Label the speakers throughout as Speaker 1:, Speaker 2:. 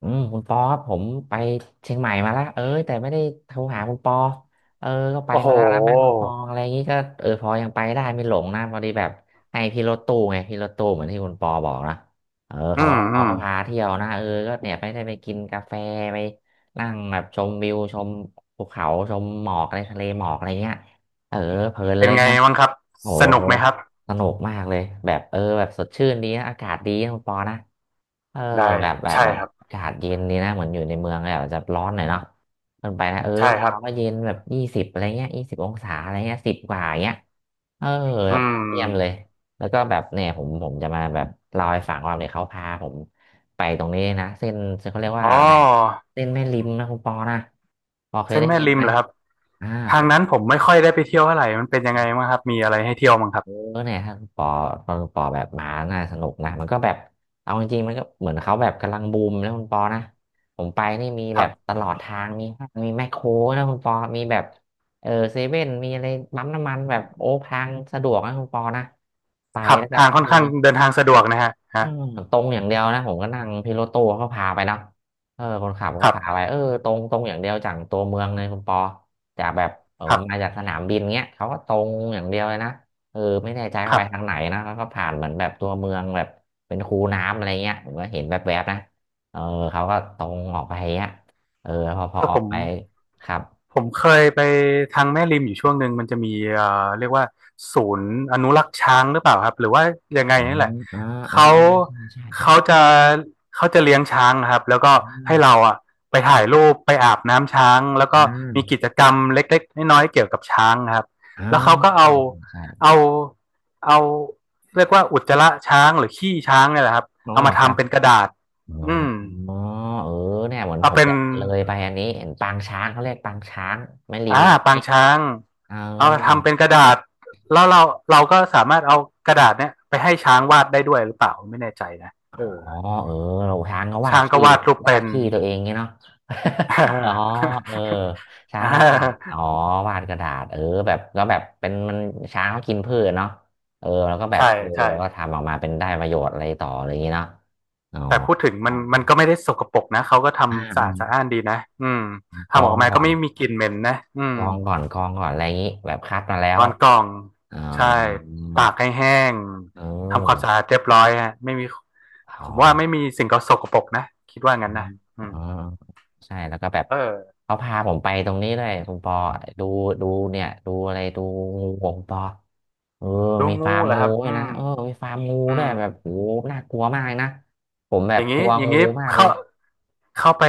Speaker 1: คุณปอครับผมไปเชียงใหม่มาแลวเอ้ยแต่ไม่ได้โทรหาคุณปอเออก็ไป
Speaker 2: โอ้โห
Speaker 1: มาแล้วไแม่คุณปออะไรอย่างงี้ก็พอยังไปได้ไม่หลงนะพอดีแบบให้พี่รถตู้ไงพี่รถตู้เหมือนที่คุณปอบอกนะ
Speaker 2: อื
Speaker 1: เขาก็
Speaker 2: มอื
Speaker 1: เขา
Speaker 2: ม
Speaker 1: ก็พาเที่ยวนะก็เนี่ยไปได้ไปกินกาแฟไปนั่งแบบชมวิวชมภูเขาชมหมอกอะไรทะเลหมอกอะไรเงี้ยเออเพลิน
Speaker 2: เป็
Speaker 1: เล
Speaker 2: น
Speaker 1: ย
Speaker 2: ไง
Speaker 1: นะ
Speaker 2: บ้างครับ
Speaker 1: โอ้
Speaker 2: สนุกไหมครับ
Speaker 1: สนุกมากเลยแบบแบบสดชื่นดีนะอากาศดีนะคุณปอนะเออ
Speaker 2: ได้
Speaker 1: แบบแบบ
Speaker 2: ใช่
Speaker 1: แบบ
Speaker 2: ครับ
Speaker 1: อากาศเย็นดีนะเหมือนอยู่ในเมืองแบบจะร้อนหน่อยเนาะมันไปนะ
Speaker 2: ใช่
Speaker 1: บ้าน
Speaker 2: ครับ
Speaker 1: เราก็เย็นแบบยี่สิบอะไรเงี้ย20 องศาอะไรเงี้ยสิบกว่าอย่างเงี้ยเออแบ
Speaker 2: อื
Speaker 1: บเยี่ยมเลย
Speaker 2: ม
Speaker 1: แล้วก็แบบเนี่ยผมจะมาแบบเล่าให้ฟังว่าเนี่ยเขาพาผมไปตรงนี้นะเส้นเขาเรียก
Speaker 2: อ๋
Speaker 1: ว่า
Speaker 2: อ
Speaker 1: อะไรเส้นแม่ริมนะคุณปอนะปอเคย
Speaker 2: เส้น
Speaker 1: ได้
Speaker 2: แม่
Speaker 1: ยิน
Speaker 2: ริ
Speaker 1: ไห
Speaker 2: ม
Speaker 1: ม
Speaker 2: เหรอครับ
Speaker 1: อ่า
Speaker 2: ทางนั้นผมไม่ค่อยได้ไปเที่ยวเท่าไหร่มันเป็นยังไงบ้างครับ มีอะไรให้เที่ยวบ้างครับ
Speaker 1: เออเนี่ยถ้าปอตอนปอแบบหมาน่าสนุกนะมันก็แบบเอาจริงๆมันก็เหมือนเขาแบบกำลังบูมแล้วคุณปอนะผมไปนี่มี
Speaker 2: ค
Speaker 1: แบ
Speaker 2: รั
Speaker 1: บ
Speaker 2: บ
Speaker 1: ตลอดทางมีห้างมีแมคโครนะคุณปอมีแบบเซเว่นมีอะไรปั๊มน้ำมันแบบโอ้ทางสะดวกนะคุณปอนะไป
Speaker 2: ครับ
Speaker 1: แล้วก็
Speaker 2: ทางค่อนข้างเดินทางสะดวกนะฮะ
Speaker 1: อื
Speaker 2: ฮะ
Speaker 1: มมันตรงอย่างเดียวนะผมก็นั่งพี่รถตู้เขาพาไปนะคนขับ
Speaker 2: ค
Speaker 1: ก็
Speaker 2: รั
Speaker 1: พาไป
Speaker 2: บ
Speaker 1: ตรงอย่างเดียวจากตัวเมืองเลยคุณปอจากแบบ
Speaker 2: ค
Speaker 1: ผ
Speaker 2: รั
Speaker 1: มมา
Speaker 2: บ
Speaker 1: จากสนามบินเงี้ยเขาก็ตรงอย่างเดียวเลยนะไม่แน่ใจ
Speaker 2: ค
Speaker 1: เขา
Speaker 2: รั
Speaker 1: ไปทางไหน
Speaker 2: บ
Speaker 1: นะแล้วก็ผ่านเหมือนแบบตัวเมืองแบบเป็นคูน้ำอะไรเงี้ยผมก็เห็นแวบๆนะเออเขาก็ตรงออกไปเงี้ยเออพอพ
Speaker 2: เอ
Speaker 1: อ
Speaker 2: อ
Speaker 1: ออ
Speaker 2: ผ
Speaker 1: ก
Speaker 2: ม
Speaker 1: ไปครับ
Speaker 2: ผมเคยไปทางแม่ริมอยู่ช่วงหนึ่งมันจะมีเเรียกว่าศูนย์อนุรักษ์ช้างหรือเปล่าครับหรือว่ายังไง
Speaker 1: อ๋อ
Speaker 2: นี่แหละ
Speaker 1: อ๋ออ๋อ
Speaker 2: เขา
Speaker 1: อ๋อใช่ใช่ใช่
Speaker 2: เขาจะเขาจะเลี้ยงช้างนะครับแล้วก็
Speaker 1: อ่า
Speaker 2: ให้
Speaker 1: ใช่
Speaker 2: เราอ่ะไปถ่ายรูปไปอาบน้ำช้างแล้ว
Speaker 1: อ่
Speaker 2: ก็มี
Speaker 1: า
Speaker 2: กิจกรรมเล็กๆน้อยๆเกี่ยวกับช้างนะครับ
Speaker 1: ออ
Speaker 2: แล้วเขาก็
Speaker 1: ใช่ใช่ใช่
Speaker 2: เอาเอาเรียกว่าอุจจาระช้างหรือขี้ช้างเนี่ยแหละครับ
Speaker 1: อ๋อ
Speaker 2: เอามา
Speaker 1: ครับ
Speaker 2: ทำเป็นกระดาษ
Speaker 1: อ๋
Speaker 2: อืม
Speaker 1: อเออเนี่ยเหมือน
Speaker 2: เอา
Speaker 1: ผม
Speaker 2: เป็น
Speaker 1: จะเลยไปอันนี้เห็นปางช้างเขาเรียกปางช้างแม่ริม
Speaker 2: อ่า
Speaker 1: อะไรอย่าง
Speaker 2: ปาง
Speaker 1: นี้
Speaker 2: ช้าง
Speaker 1: เออ
Speaker 2: เอาทำเป็นกระดาษแล้วเราก็สามารถเอากระดาษเนี้ยไปให้ช้างวาดได้ด้วยหรือเปล่าไม่แน่ใจนะ
Speaker 1: อ๋อ
Speaker 2: เออ
Speaker 1: เออเราช้างก็วาด
Speaker 2: ช้างก็
Speaker 1: ที่
Speaker 2: วาดรูป
Speaker 1: วา
Speaker 2: เป็
Speaker 1: ด
Speaker 2: น
Speaker 1: ที่ตัวเองงี้เนาะ อ๋อเออช้าง
Speaker 2: ่า
Speaker 1: ก็วาดอ๋อ วาดกระดาษแบบก็แบบเป็นมันช้างเขากินพืชเนาะแล้วก็แบบ
Speaker 2: ใช่ใช่
Speaker 1: แล้วก็ทำออกมาเป็นได้ประโยชน์อะไรต่ออะไรอย่างนี้เนาะอ๋อ
Speaker 2: แต่พูดถึงมันก็ไม่ได้สกปรกนะเขาก็
Speaker 1: อ่
Speaker 2: ทำสะอาดสะอ้า
Speaker 1: า
Speaker 2: นดีนะอืม
Speaker 1: ก
Speaker 2: ทำ
Speaker 1: อ
Speaker 2: ออ
Speaker 1: ง
Speaker 2: กมา
Speaker 1: ก่
Speaker 2: ก็
Speaker 1: อน
Speaker 2: ไม่มีกลิ่นเหม็นนะอื
Speaker 1: ก
Speaker 2: ม
Speaker 1: องก่อนกองก่อนอะไรอย่างนี้แบบคัดมาแล้
Speaker 2: ก
Speaker 1: ว
Speaker 2: อนกล่อง
Speaker 1: อ๋อ
Speaker 2: ใช่ตากให้แห้ง
Speaker 1: เ
Speaker 2: ทำความ
Speaker 1: ออ
Speaker 2: สะอาดเรียบร้อยฮะไม่มี
Speaker 1: อ๋อ
Speaker 2: ผมว่าไม่มีสิ่งก็สกปรกนะคิดว่างั้นนะ
Speaker 1: เอ
Speaker 2: อื
Speaker 1: อ
Speaker 2: ม
Speaker 1: ใช่ แล้วก็แบบ
Speaker 2: เออ
Speaker 1: เขาพาผมไปตรงนี้ด้วยคุณปอดูดูเนี่ยดูอะไรดูงูของคุณปอเออ
Speaker 2: ดู
Speaker 1: มี
Speaker 2: งู
Speaker 1: ฟาร์ม
Speaker 2: เหรอ
Speaker 1: งู
Speaker 2: ครับ
Speaker 1: ด้ว
Speaker 2: อื
Speaker 1: ยนะ
Speaker 2: ม
Speaker 1: มีฟาร์มงู
Speaker 2: อื
Speaker 1: ด้วย
Speaker 2: ม
Speaker 1: แบบโหน่ากลัวมากนะ ผมแบ
Speaker 2: อ
Speaker 1: บ
Speaker 2: ย่าง
Speaker 1: ก
Speaker 2: นี้
Speaker 1: ลัว
Speaker 2: อย่าง
Speaker 1: งู
Speaker 2: นี้
Speaker 1: มากเล
Speaker 2: เข้า
Speaker 1: ย
Speaker 2: เข้าไป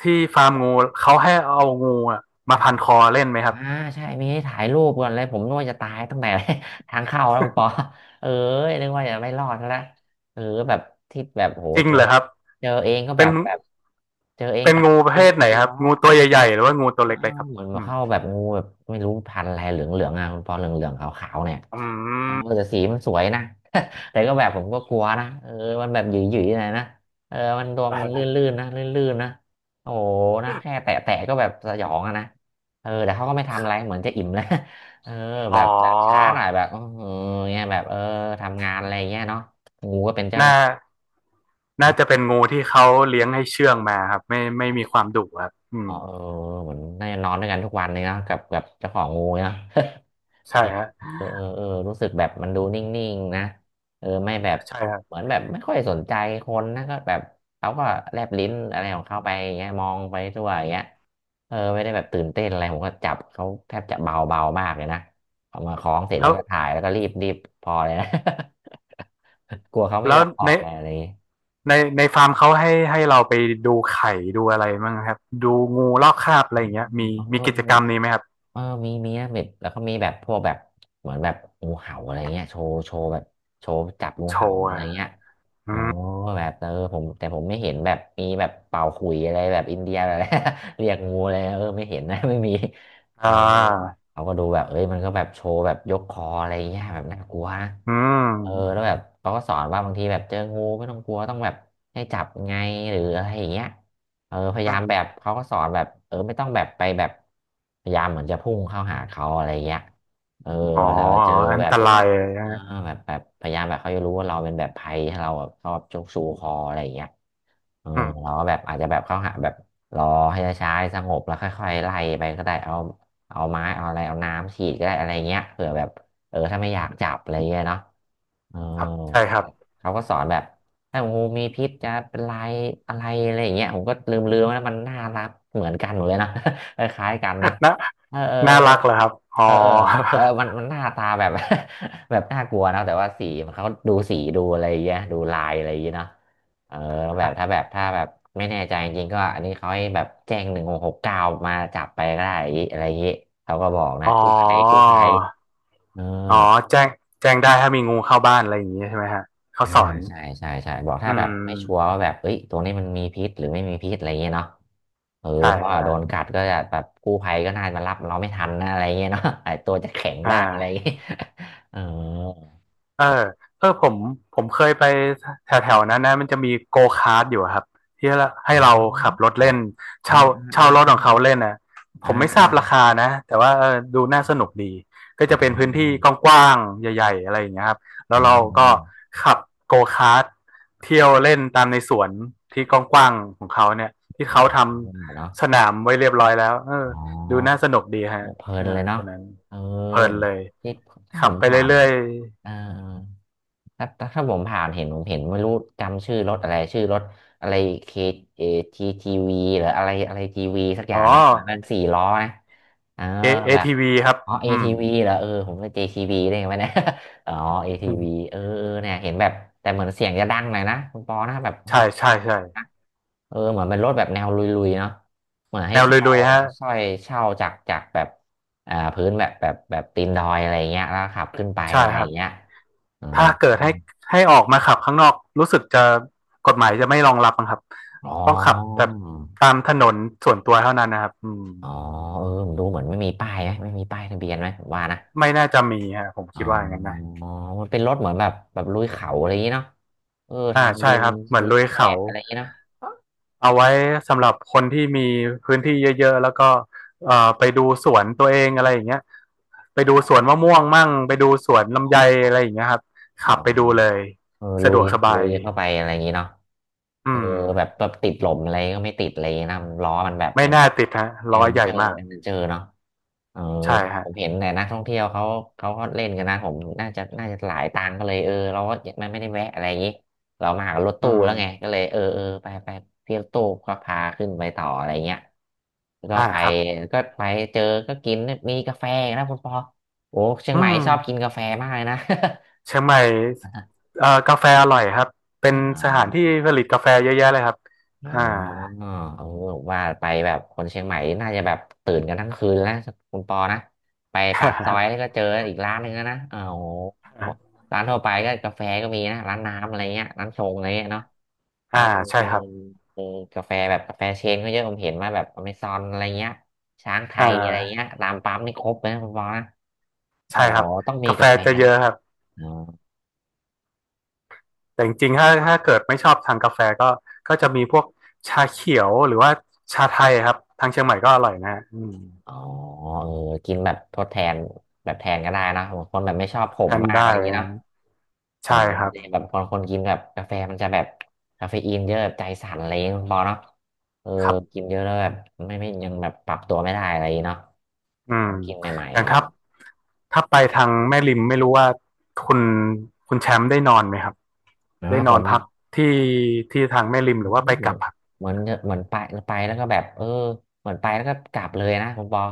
Speaker 2: ที่ฟาร์มงูเขาให้เอางูอะมาพันคอเล่นไหมครั
Speaker 1: อ่า
Speaker 2: บ
Speaker 1: ใช่มีให้ถ่ายรูปก่อนเลยผมนึกว่าจะตายตั้งแต่ ทางเข้าแล้วคุณปอ เออนึกว่าจะไม่รอดแล้วเออแบบที่แบบโห
Speaker 2: จริง
Speaker 1: เจอ
Speaker 2: เหรอครับ
Speaker 1: เจอเองก็
Speaker 2: เป็
Speaker 1: แบ
Speaker 2: น
Speaker 1: บแบบเจอเอง
Speaker 2: เป็น
Speaker 1: ตาม
Speaker 2: งูประ
Speaker 1: พื้
Speaker 2: เภ
Speaker 1: น
Speaker 2: ท
Speaker 1: นี่
Speaker 2: ไหน
Speaker 1: กลั
Speaker 2: ค
Speaker 1: ว
Speaker 2: รับงูตัวใหญ่ๆหรือว่างูตั
Speaker 1: เอ
Speaker 2: ว
Speaker 1: อ
Speaker 2: เล็กเลยครับ
Speaker 1: เหมือน
Speaker 2: อืม
Speaker 1: เข้าแบบงูแบบไม่รู้พันธุ์อะไรเหลืองๆอ่ะคุณปอเหลืองๆขาวๆเนี่ย
Speaker 2: อืม
Speaker 1: แต่สีมันสวยนะ แต่ก็แบบผมก็กลัวนะมันแบบหยิ่ยๆหน่อยนะมันตัวมันลื่ นๆนะลื่นๆนะโอ้โหนะแค่แตะๆก็แบบสยองอะนะแต่เขาก็ไม่ทำอะไรเหมือนจะอิ่มแล้ว เออแบ
Speaker 2: อ๋อ
Speaker 1: บแบบช้าหน่อยแบบอเงี้ยแบบทำงานอะไรเงี้ยเนาะงูก็เป็นเจ้าห
Speaker 2: น่า
Speaker 1: น้าที่
Speaker 2: น่า
Speaker 1: ะ
Speaker 2: จะเป็นงูที่เขาเลี้ยงให้เชื่องมาครับไม่มีความดุครับอื
Speaker 1: อ๋
Speaker 2: ม
Speaker 1: อเหมือนน่าจะนอนด้วยกันทุกวันเลยเนาะกับเจ้าของงูเนาะ เอ
Speaker 2: ใช่
Speaker 1: อ
Speaker 2: ฮะ
Speaker 1: เออรู้สึกแบบมันดูนิ่งๆนะไม่แบบ
Speaker 2: ใช่ครั
Speaker 1: เหมือ
Speaker 2: บ
Speaker 1: นแบบไม่ค่อยสนใจคนนะก็แบบเขาก็แลบลิ้นอะไรของเขาไปอย่างเงี้ยมองไปทั่วอย่างเงี้ยไม่ได้แบบตื่นเต้นอะไรผมก็จับเขาแทบจะเบาเบามากเลยนะเอามาคล้องเสร็จ
Speaker 2: แล้
Speaker 1: แล้ว
Speaker 2: ว
Speaker 1: ก็ถ่ายแล้วก็รีบพอเลยนะ กลัวเขาไม่
Speaker 2: แล้
Speaker 1: ย
Speaker 2: ว
Speaker 1: อมออ
Speaker 2: ใน
Speaker 1: กไงอะไรอย่างงี้
Speaker 2: ในฟาร์มเขาให้เราไปดูไข่ดูอะไรบ้างครับดูงูลอกคราบอะไร
Speaker 1: อื
Speaker 2: อย่าง
Speaker 1: ม
Speaker 2: เงี้ยมีมีกิจกรรมนี้ไหมครับ
Speaker 1: เออมีนะแบบแล้วก็มีแบบพวกแบบเหมือนแบบงูเห่าอะไรเงี้ยโชว์แบบโชว์จับงู
Speaker 2: โช
Speaker 1: เห่า
Speaker 2: ว์
Speaker 1: อะไร
Speaker 2: อ่ะ
Speaker 1: เงี้ย
Speaker 2: อื
Speaker 1: อ๋อ
Speaker 2: ม
Speaker 1: แบบผมแต่ผมไม่เห็นแบบมีแบบเป่าขลุ่ยอะไรแบบอินเดียอะไร เรียกงูอะไรไม่เห็นนะ ไม่มีเอ
Speaker 2: อ่
Speaker 1: อ
Speaker 2: า
Speaker 1: เขาก็ดูแบบเอ้ยมันก็แบบโชว์แบบยกคออะไรเงี้ยแบบน่ากลัวนะ
Speaker 2: อืม
Speaker 1: แล้วแบบเขาก็สอนว่าบางทีแบบเจองูไม่ต้องกลัวต้องแบบให้จับไงหรืออะไรอย่างเงี้ย พยายา
Speaker 2: อื
Speaker 1: ม
Speaker 2: ม
Speaker 1: แบบเขาก็สอนแบบไม่ต้องแบบพยายามเหมือนจะพุ่งเข้าหาเขาอะไรเงี้ยเออ
Speaker 2: อ๋อ
Speaker 1: เวลาเจอ
Speaker 2: อัน
Speaker 1: แบบ
Speaker 2: ต
Speaker 1: เออ
Speaker 2: รายเลยนะ
Speaker 1: เออ
Speaker 2: ฮะ
Speaker 1: แบบพยายามแบบเขาจะรู้ว่าเราเป็นแบบภัยให้เราแบบชอบชกชูคออะไรเงี้ยเออ
Speaker 2: อืม
Speaker 1: เราก็แบบอาจจะแบบเข้าหาแบบรอให้ช้าๆสงบแล้วค่อยๆไล่ไปก็ได้เอาเอาไม้เอาอะไรเอาน้ำฉีดก็ได้อะไรเงี้ยเผื่อแบบเออถ้าไม่อยากจับอะไรเงี้ยเนาะ เออ
Speaker 2: ครับใช่ครับ
Speaker 1: แบบเขาก็สอนแบบถ้างูมีพิษจะเป็นลายอะไรอะไรอย่างเงี้ยผมก็ลืมแล้วมันน่ารักเหมือนกันหมดเลยนะ คล้ายๆกันนะ
Speaker 2: น่า
Speaker 1: เออเออ
Speaker 2: น่ารักเหรอครับอ๋อ
Speaker 1: เออเออ มันหน้าตาแบบ แบบน่ากลัวนะแต่ว่าสีมันเขาดูสีดูอะไรอย่างเงี้ยดูลายอะไรอย่างเงี้ยเนาะเออแล้วแบบถ้าแบบไม่แน่ใจจริงๆก็อันนี้เขาให้แบบแจ้ง169มาจับไปก็ได้อะไรอย่างงี้เขาก็บอกนะ
Speaker 2: อ๋อ
Speaker 1: กู้ภัยกู้ภัยเออ
Speaker 2: อ๋อแจ้งแจ้งได้ถ้ามีงูเข้าบ้านอะไรอย่างนี้ใช่ไหมฮะเขา
Speaker 1: อ่า
Speaker 2: สอน
Speaker 1: ใช่ใช่ใช่บอก
Speaker 2: อื
Speaker 1: ถ้าแบบ
Speaker 2: ม
Speaker 1: ไม่ชัวร์ว่าแบบเอ้ยตรงนี้มันมีพิษหรือไม่มีพิษอะไรเงี้ยเนาะเออ
Speaker 2: ใช่
Speaker 1: เพราะว่าโด
Speaker 2: ได้
Speaker 1: นกัดก็จะแบบกู้ภัยก็น่าจะมารับเราไม่ทันนะอะไรเงี้ยเนาะไอตัวจะแข็ง
Speaker 2: อ่
Speaker 1: ได้อะไรเงี้
Speaker 2: า
Speaker 1: ยเออ
Speaker 2: เออเออผมผมเคยไปแถวแถวนั้นนะมันจะมีโกคาร์ทอยู่อะครับที่
Speaker 1: อ๋
Speaker 2: ให้
Speaker 1: อ
Speaker 2: เราขับรถ
Speaker 1: อ๋อ
Speaker 2: เล่น
Speaker 1: อ่า
Speaker 2: เช่า
Speaker 1: อ่า
Speaker 2: เช่า
Speaker 1: อ่า
Speaker 2: รถ
Speaker 1: อ่า
Speaker 2: ของเขาเล่นนะผ
Speaker 1: อ่า
Speaker 2: มไม่ทราบรา
Speaker 1: อ่า
Speaker 2: คานะแต่ว่าเออดูน่าสนุกดีก็
Speaker 1: อ่า
Speaker 2: จะ
Speaker 1: อ่
Speaker 2: เป็นพื้นที่
Speaker 1: า
Speaker 2: กว้างๆใหญ่ๆอะไรอย่างเงี้ยครับแล้วเราก็ขับโกคาร์ทเที่ยวเล่นตามในสวนที่กว้างๆของเขาเนี่ยที่เขาท
Speaker 1: เนาะ
Speaker 2: ำสนามไว้เรียบร้อยแล้วเออ
Speaker 1: อ๋
Speaker 2: ดูน่า
Speaker 1: อ
Speaker 2: สนุกดีฮะ
Speaker 1: เพลินเล
Speaker 2: อ่า
Speaker 1: ยเนาะ
Speaker 2: ตัวนั้น
Speaker 1: เอ
Speaker 2: เพลิน
Speaker 1: อ
Speaker 2: เลย
Speaker 1: ที่ถ้าผ
Speaker 2: ขับ
Speaker 1: ม
Speaker 2: ไป
Speaker 1: ผ่าน
Speaker 2: เรื่อย
Speaker 1: เออ ถ้าผมผ่านเห็นผมเห็นไม่รู้จำชื่อรถอะไรชื่อรถอะไรเคเอทีทีวีหรืออะไรอะไรทีวีสักอ
Speaker 2: ๆอ๋
Speaker 1: ย่า
Speaker 2: อ
Speaker 1: งเนี่ยเหมือนเป็นสี่ล้อนะเออ
Speaker 2: เอเอ
Speaker 1: แบบ
Speaker 2: ทีวีครับ
Speaker 1: อ๋อเอ
Speaker 2: อืม
Speaker 1: ทีวีเหรอเออผมเป็นเจทีวีได้ไงวะเนี่ย อ๋อเอทีวีเออเออเนี่ยเห็นแบบแต่เหมือนเสียงจะดังหน่อยนะคุณปอนะแบบ
Speaker 2: ใช่ใช่
Speaker 1: เสียงดั
Speaker 2: ใช่
Speaker 1: งนะเออเหมือนเป็นรถแบบแนวลุยๆเนาะเหมือนให้
Speaker 2: แนว
Speaker 1: เช่า
Speaker 2: ลุยๆฮะ
Speaker 1: สร้อยเช่าจากแบบอ่าพื้นแบบแบบตีนดอยอะไรเงี้ยแล้วขับขึ้นไป
Speaker 2: ใช่
Speaker 1: อะไร
Speaker 2: ครับ
Speaker 1: เงี้ยอ๋อ
Speaker 2: ถ้าเกิดให้ให้ออกมาขับข้างนอกรู้สึกจะกฎหมายจะไม่รองรับมั้งครับ
Speaker 1: อ๋อ
Speaker 2: ต้องขับแต่ตามถนนส่วนตัวเท่านั้นนะครับอืม
Speaker 1: อ๋อเออผมดูเหมือนไม่มีป้ายไหมไม่มีป้ายทะเบียนไหมผมว่านะ
Speaker 2: ไม่น่าจะมีฮะผม
Speaker 1: อ๋
Speaker 2: คิดว่าอย่างนั้นนะ
Speaker 1: อมันเป็นรถเหมือนแบบลุยเขาอะไรอย่างนี้เนาะเออ
Speaker 2: อ่า
Speaker 1: ทาง
Speaker 2: ใช่
Speaker 1: ดิน
Speaker 2: ครับเหมือน
Speaker 1: พื้
Speaker 2: ลุ
Speaker 1: น
Speaker 2: ย
Speaker 1: แฉะ
Speaker 2: เขา
Speaker 1: อะไรอย่างนี้เนาะ
Speaker 2: เอาไว้สำหรับคนที่มีพื้นที่เยอะๆแล้วก็เไปดูสวนตัวเองอะไรอย่างเงี้ยไปดู
Speaker 1: อ๋อ
Speaker 2: สวนมะม่วงมั่งไปดูสวนลำไยอะไรอย่างเงี้ยครับ
Speaker 1: อ๋อ
Speaker 2: ขับไปดูเลย
Speaker 1: เออลุ
Speaker 2: สะด
Speaker 1: ย
Speaker 2: วกสบา
Speaker 1: ลุ
Speaker 2: ย
Speaker 1: ยเข้าไปอะไรอย่างนี้เนาะ
Speaker 2: อื
Speaker 1: เออ
Speaker 2: ม
Speaker 1: แบบติดหลมอะไรก็ไม่ติดอะไรอย่างเลยนะนล้อมันแบบ
Speaker 2: ไม่
Speaker 1: เป็น
Speaker 2: น่า
Speaker 1: แบบ
Speaker 2: ติดฮะ
Speaker 1: แอ
Speaker 2: ล้
Speaker 1: ด
Speaker 2: อ
Speaker 1: เวน
Speaker 2: ให
Speaker 1: เจ
Speaker 2: ญ่
Speaker 1: อร์
Speaker 2: มาก
Speaker 1: แอดเวนเจอร์เนาะเออ
Speaker 2: ใช่ฮะ
Speaker 1: ผมเห็นแต่นักท่องเที่ยวเขาเขาก็เล่นกันนะผมน่าจะหลายตังค์ก็เลยเออเราก็มันไม่ได้แวะอะไรอย่างนี้เรามากับรถ
Speaker 2: อื
Speaker 1: ตู้แล้วไง
Speaker 2: ม
Speaker 1: ก็เลยเออเออไปไปพี่รถตู้ก็พาขึ้นไปต่ออะไรเงี้ยแล้วก็
Speaker 2: อ่า
Speaker 1: ไป
Speaker 2: ครับ
Speaker 1: ก็ไปเจอก็กินมีกาแฟนะคุณปอโอ้เชีย
Speaker 2: อื
Speaker 1: งใหม่ชอบกิน
Speaker 2: ม
Speaker 1: กาแฟมากเลยนะ
Speaker 2: เชียงใหม่เกาแฟอร่อยครับเป็น
Speaker 1: อ่า
Speaker 2: สถานที่ผลิตกาแฟเยอะแยะเลยครับ
Speaker 1: อ๋อ
Speaker 2: อ่า
Speaker 1: โอว่าไปแบบคนเชียงใหม่น่าจะแบบตื่นกันทั้งคืนแล้วนะคุณปอนะไปปากซอยก็เจออีกร้านหนึ่งแล้วนะอ้าวโห ร้านทั่วไปก็กาแฟก็มีนะร้านน้ำอะไรเงี้ยร้านชงอะไรเงี้ยเนาะเอ
Speaker 2: อ่า
Speaker 1: อ
Speaker 2: ใช่
Speaker 1: เออ
Speaker 2: ครับ
Speaker 1: เออกาแฟแบบกาแฟเชนก็เยอะผมเห็นมาแบบอเมซอนอะไรเงี้ยช้างไท
Speaker 2: อ่
Speaker 1: ยอะไรเงี้
Speaker 2: า
Speaker 1: ยตามปั๊มนี่ครบเลยนะคุณปอนะโอ๋
Speaker 2: ใช่ครับ
Speaker 1: ต้องมี
Speaker 2: กาแฟ
Speaker 1: กาแฟ
Speaker 2: จะเย
Speaker 1: นะ
Speaker 2: อะครับ
Speaker 1: อ๋อ
Speaker 2: แต่จริงๆถ้าเกิดไม่ชอบทางกาแฟก็จะมีพวกชาเขียวหรือว่าชาไทยครับทางเชียงใหม่ก็อร่อยนะอืม
Speaker 1: อ๋อเออกินแบบทดแทนแบบแทนก็ได้เนอะบางคนแบบไม่ชอบข
Speaker 2: แท
Speaker 1: ม
Speaker 2: น
Speaker 1: มากอะ
Speaker 2: ได้
Speaker 1: ไรอย่างนี้
Speaker 2: นะ
Speaker 1: เนาะ เออ
Speaker 2: ใช่ครั
Speaker 1: มัน
Speaker 2: บ
Speaker 1: จะแบบบางคนกินแบบกาแฟมันจะแบบคาเฟอีนเยอะแบบใจสั่นอะไรอย่างเงี้ยคุณปอเนาะเออ
Speaker 2: ครั
Speaker 1: กิ
Speaker 2: บ
Speaker 1: นเยอะแล้วแบบไม่ยังแบบปรับตัวไม่ได้อะไรอย่างเงี้ยเนาะ
Speaker 2: อืม
Speaker 1: ต้องกินใหม่
Speaker 2: อ
Speaker 1: ๆ
Speaker 2: ย่า
Speaker 1: อะ
Speaker 2: ง
Speaker 1: ไรอย่า
Speaker 2: ถ้า
Speaker 1: งเงี้ย
Speaker 2: ถ้าไปทางแม่ริมไม่รู้ว่าคุณคุณแชมป์ได้นอนไหมครับ
Speaker 1: นะ
Speaker 2: ได้น
Speaker 1: ผ
Speaker 2: อน
Speaker 1: ม
Speaker 2: พักที่ที่ทางแม่ริม
Speaker 1: เห
Speaker 2: หรือว่าไปก
Speaker 1: มื
Speaker 2: ลั
Speaker 1: อ
Speaker 2: บ
Speaker 1: น
Speaker 2: ครับ
Speaker 1: เหมือนเหมือนไปไปแล้วก็แบบเออเหมือนไปแล้วก็กลับเลยนะคุณปอ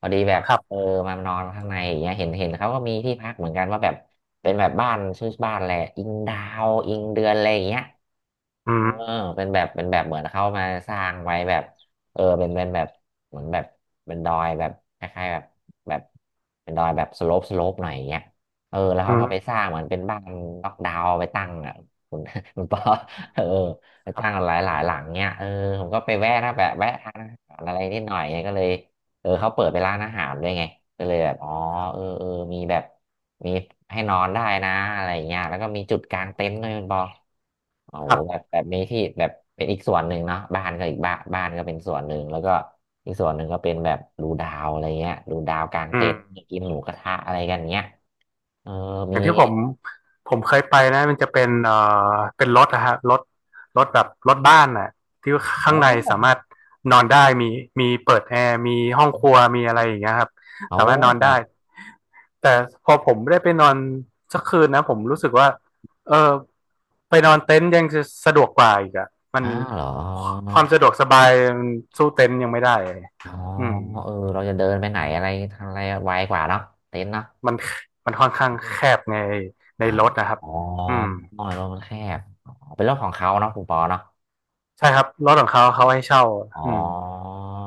Speaker 1: พอดีแบบ
Speaker 2: ครั
Speaker 1: เออ
Speaker 2: บ
Speaker 1: มานอนข้างในอย่างเงี้ยเห็นเขาก็มีที่พักเหมือนกันว่าแบบเป็นแบบบ้านชื่อบ้านอะไรอิงดาวอิงเดือนอะไรอย่างเงี้ย
Speaker 2: อื
Speaker 1: เออ
Speaker 2: ม
Speaker 1: เป็นแบบเหมือนเข้ามาสร้างไว้แบบเออเป็นแบบเหมือนแบบเป็นดอยแบบคล้ายๆแบบแบบเป็นดอยแบบสโลปหน่อยอย่างเงี้ยเออแล้ว
Speaker 2: อื
Speaker 1: เขา
Speaker 2: ม
Speaker 1: ไปสร้างเหมือนเป็นบ้านล็อกดาวน์ไปตั้งอ่ะคุณ คุณป
Speaker 2: อื
Speaker 1: อ
Speaker 2: ม
Speaker 1: เออไป
Speaker 2: ครั
Speaker 1: ตั้ง
Speaker 2: บ
Speaker 1: หลายหลังเงี้ยเออผมก็ไปแวะนะแบบแวะทานอาหารอะไรนิดหน่อยไงก็เลยเออเขาเปิดเป็นร้านอาหารด้วยไงก็เลยแบบอ๋อ
Speaker 2: ครั
Speaker 1: เออ
Speaker 2: บ
Speaker 1: เออมีแบบ มีให้นอนได้นะอะไรอย่างเงี้ยแล้วก็มีจุดกลางเต็นท์ด้วยคุณปอโอ้
Speaker 2: ค
Speaker 1: โห
Speaker 2: รั
Speaker 1: แบ
Speaker 2: บ
Speaker 1: บแบบมีที่แบบเป็นอีกส่วนหนึ่งเนาะบ้านก็อีกบ้านบ้านก็เป็นส่วนหนึ่งแล้วก็อีกส่วนหนึ่งก็เป็นแบบดูดาวอะไรเงี้ยดูดาวกลาง
Speaker 2: อื
Speaker 1: เต็
Speaker 2: ม
Speaker 1: นท์มีกินหมูกระทะอะไรกันเงี้ยเออ
Speaker 2: อ
Speaker 1: มี
Speaker 2: ย่างที่ผมผมเคยไปนะมันจะเป็นเเป็นรถนะฮะรถรถแบบรถบ้านน่ะที่ข้า
Speaker 1: โอ้
Speaker 2: งในสามารถนอนได้มีมีเปิดแอร์มีห้องครัวมีอะไรอย่างเงี้ยครับ
Speaker 1: โอ้
Speaker 2: สามารถนอน
Speaker 1: ครั
Speaker 2: ได้
Speaker 1: บ
Speaker 2: แต่พอผมได้ไปนอนสักคืนนะผมรู้สึกว่าเออไปนอนเต็นท์ยังจะสะดวกกว่าอีกอะมัน
Speaker 1: อ้าวเหรอ
Speaker 2: ความสะดวกสบายมันสู้เต็นท์ยังไม่ได้
Speaker 1: อ๋อ
Speaker 2: อืม
Speaker 1: เออเราจะเดินไปไหนอะไรทางอะไรไวกว่าเนาะเต็นท์เนาะ
Speaker 2: มันมันค่อนข้างแคบในใน
Speaker 1: อ่า
Speaker 2: รถนะครับ
Speaker 1: อ๋อ
Speaker 2: อืม
Speaker 1: รถมันแคบอ๋อเป็นรถของเขาเนาะคุณปอเนาะ
Speaker 2: ใช่ครับรถของเขาเขาให้เช่า
Speaker 1: อ๋อ
Speaker 2: อืม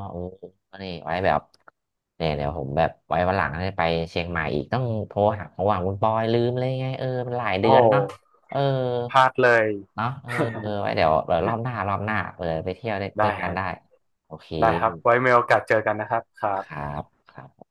Speaker 1: โอ้นี่ไว้แบบ เนี่ยเดี๋ยวผมแบบไว้วันหลังได้ไปเชียงใหม่อีกต้องโทรหาเพราะว่าคุณปอยลืมเลยไงเออมันหลาย
Speaker 2: โอ้
Speaker 1: เดือน
Speaker 2: โห
Speaker 1: เนาะเออ
Speaker 2: พลาดเลย
Speaker 1: เนาะเออเออ ไว้เดี๋ยวรอบหน้าเออไปเที่ยวด้วย
Speaker 2: ได้
Speaker 1: กัน
Speaker 2: ฮะ
Speaker 1: ได้โอเค
Speaker 2: ได้ครับไว้มีโอกาสเจอกันนะครับครั
Speaker 1: ครั
Speaker 2: บ
Speaker 1: บครับ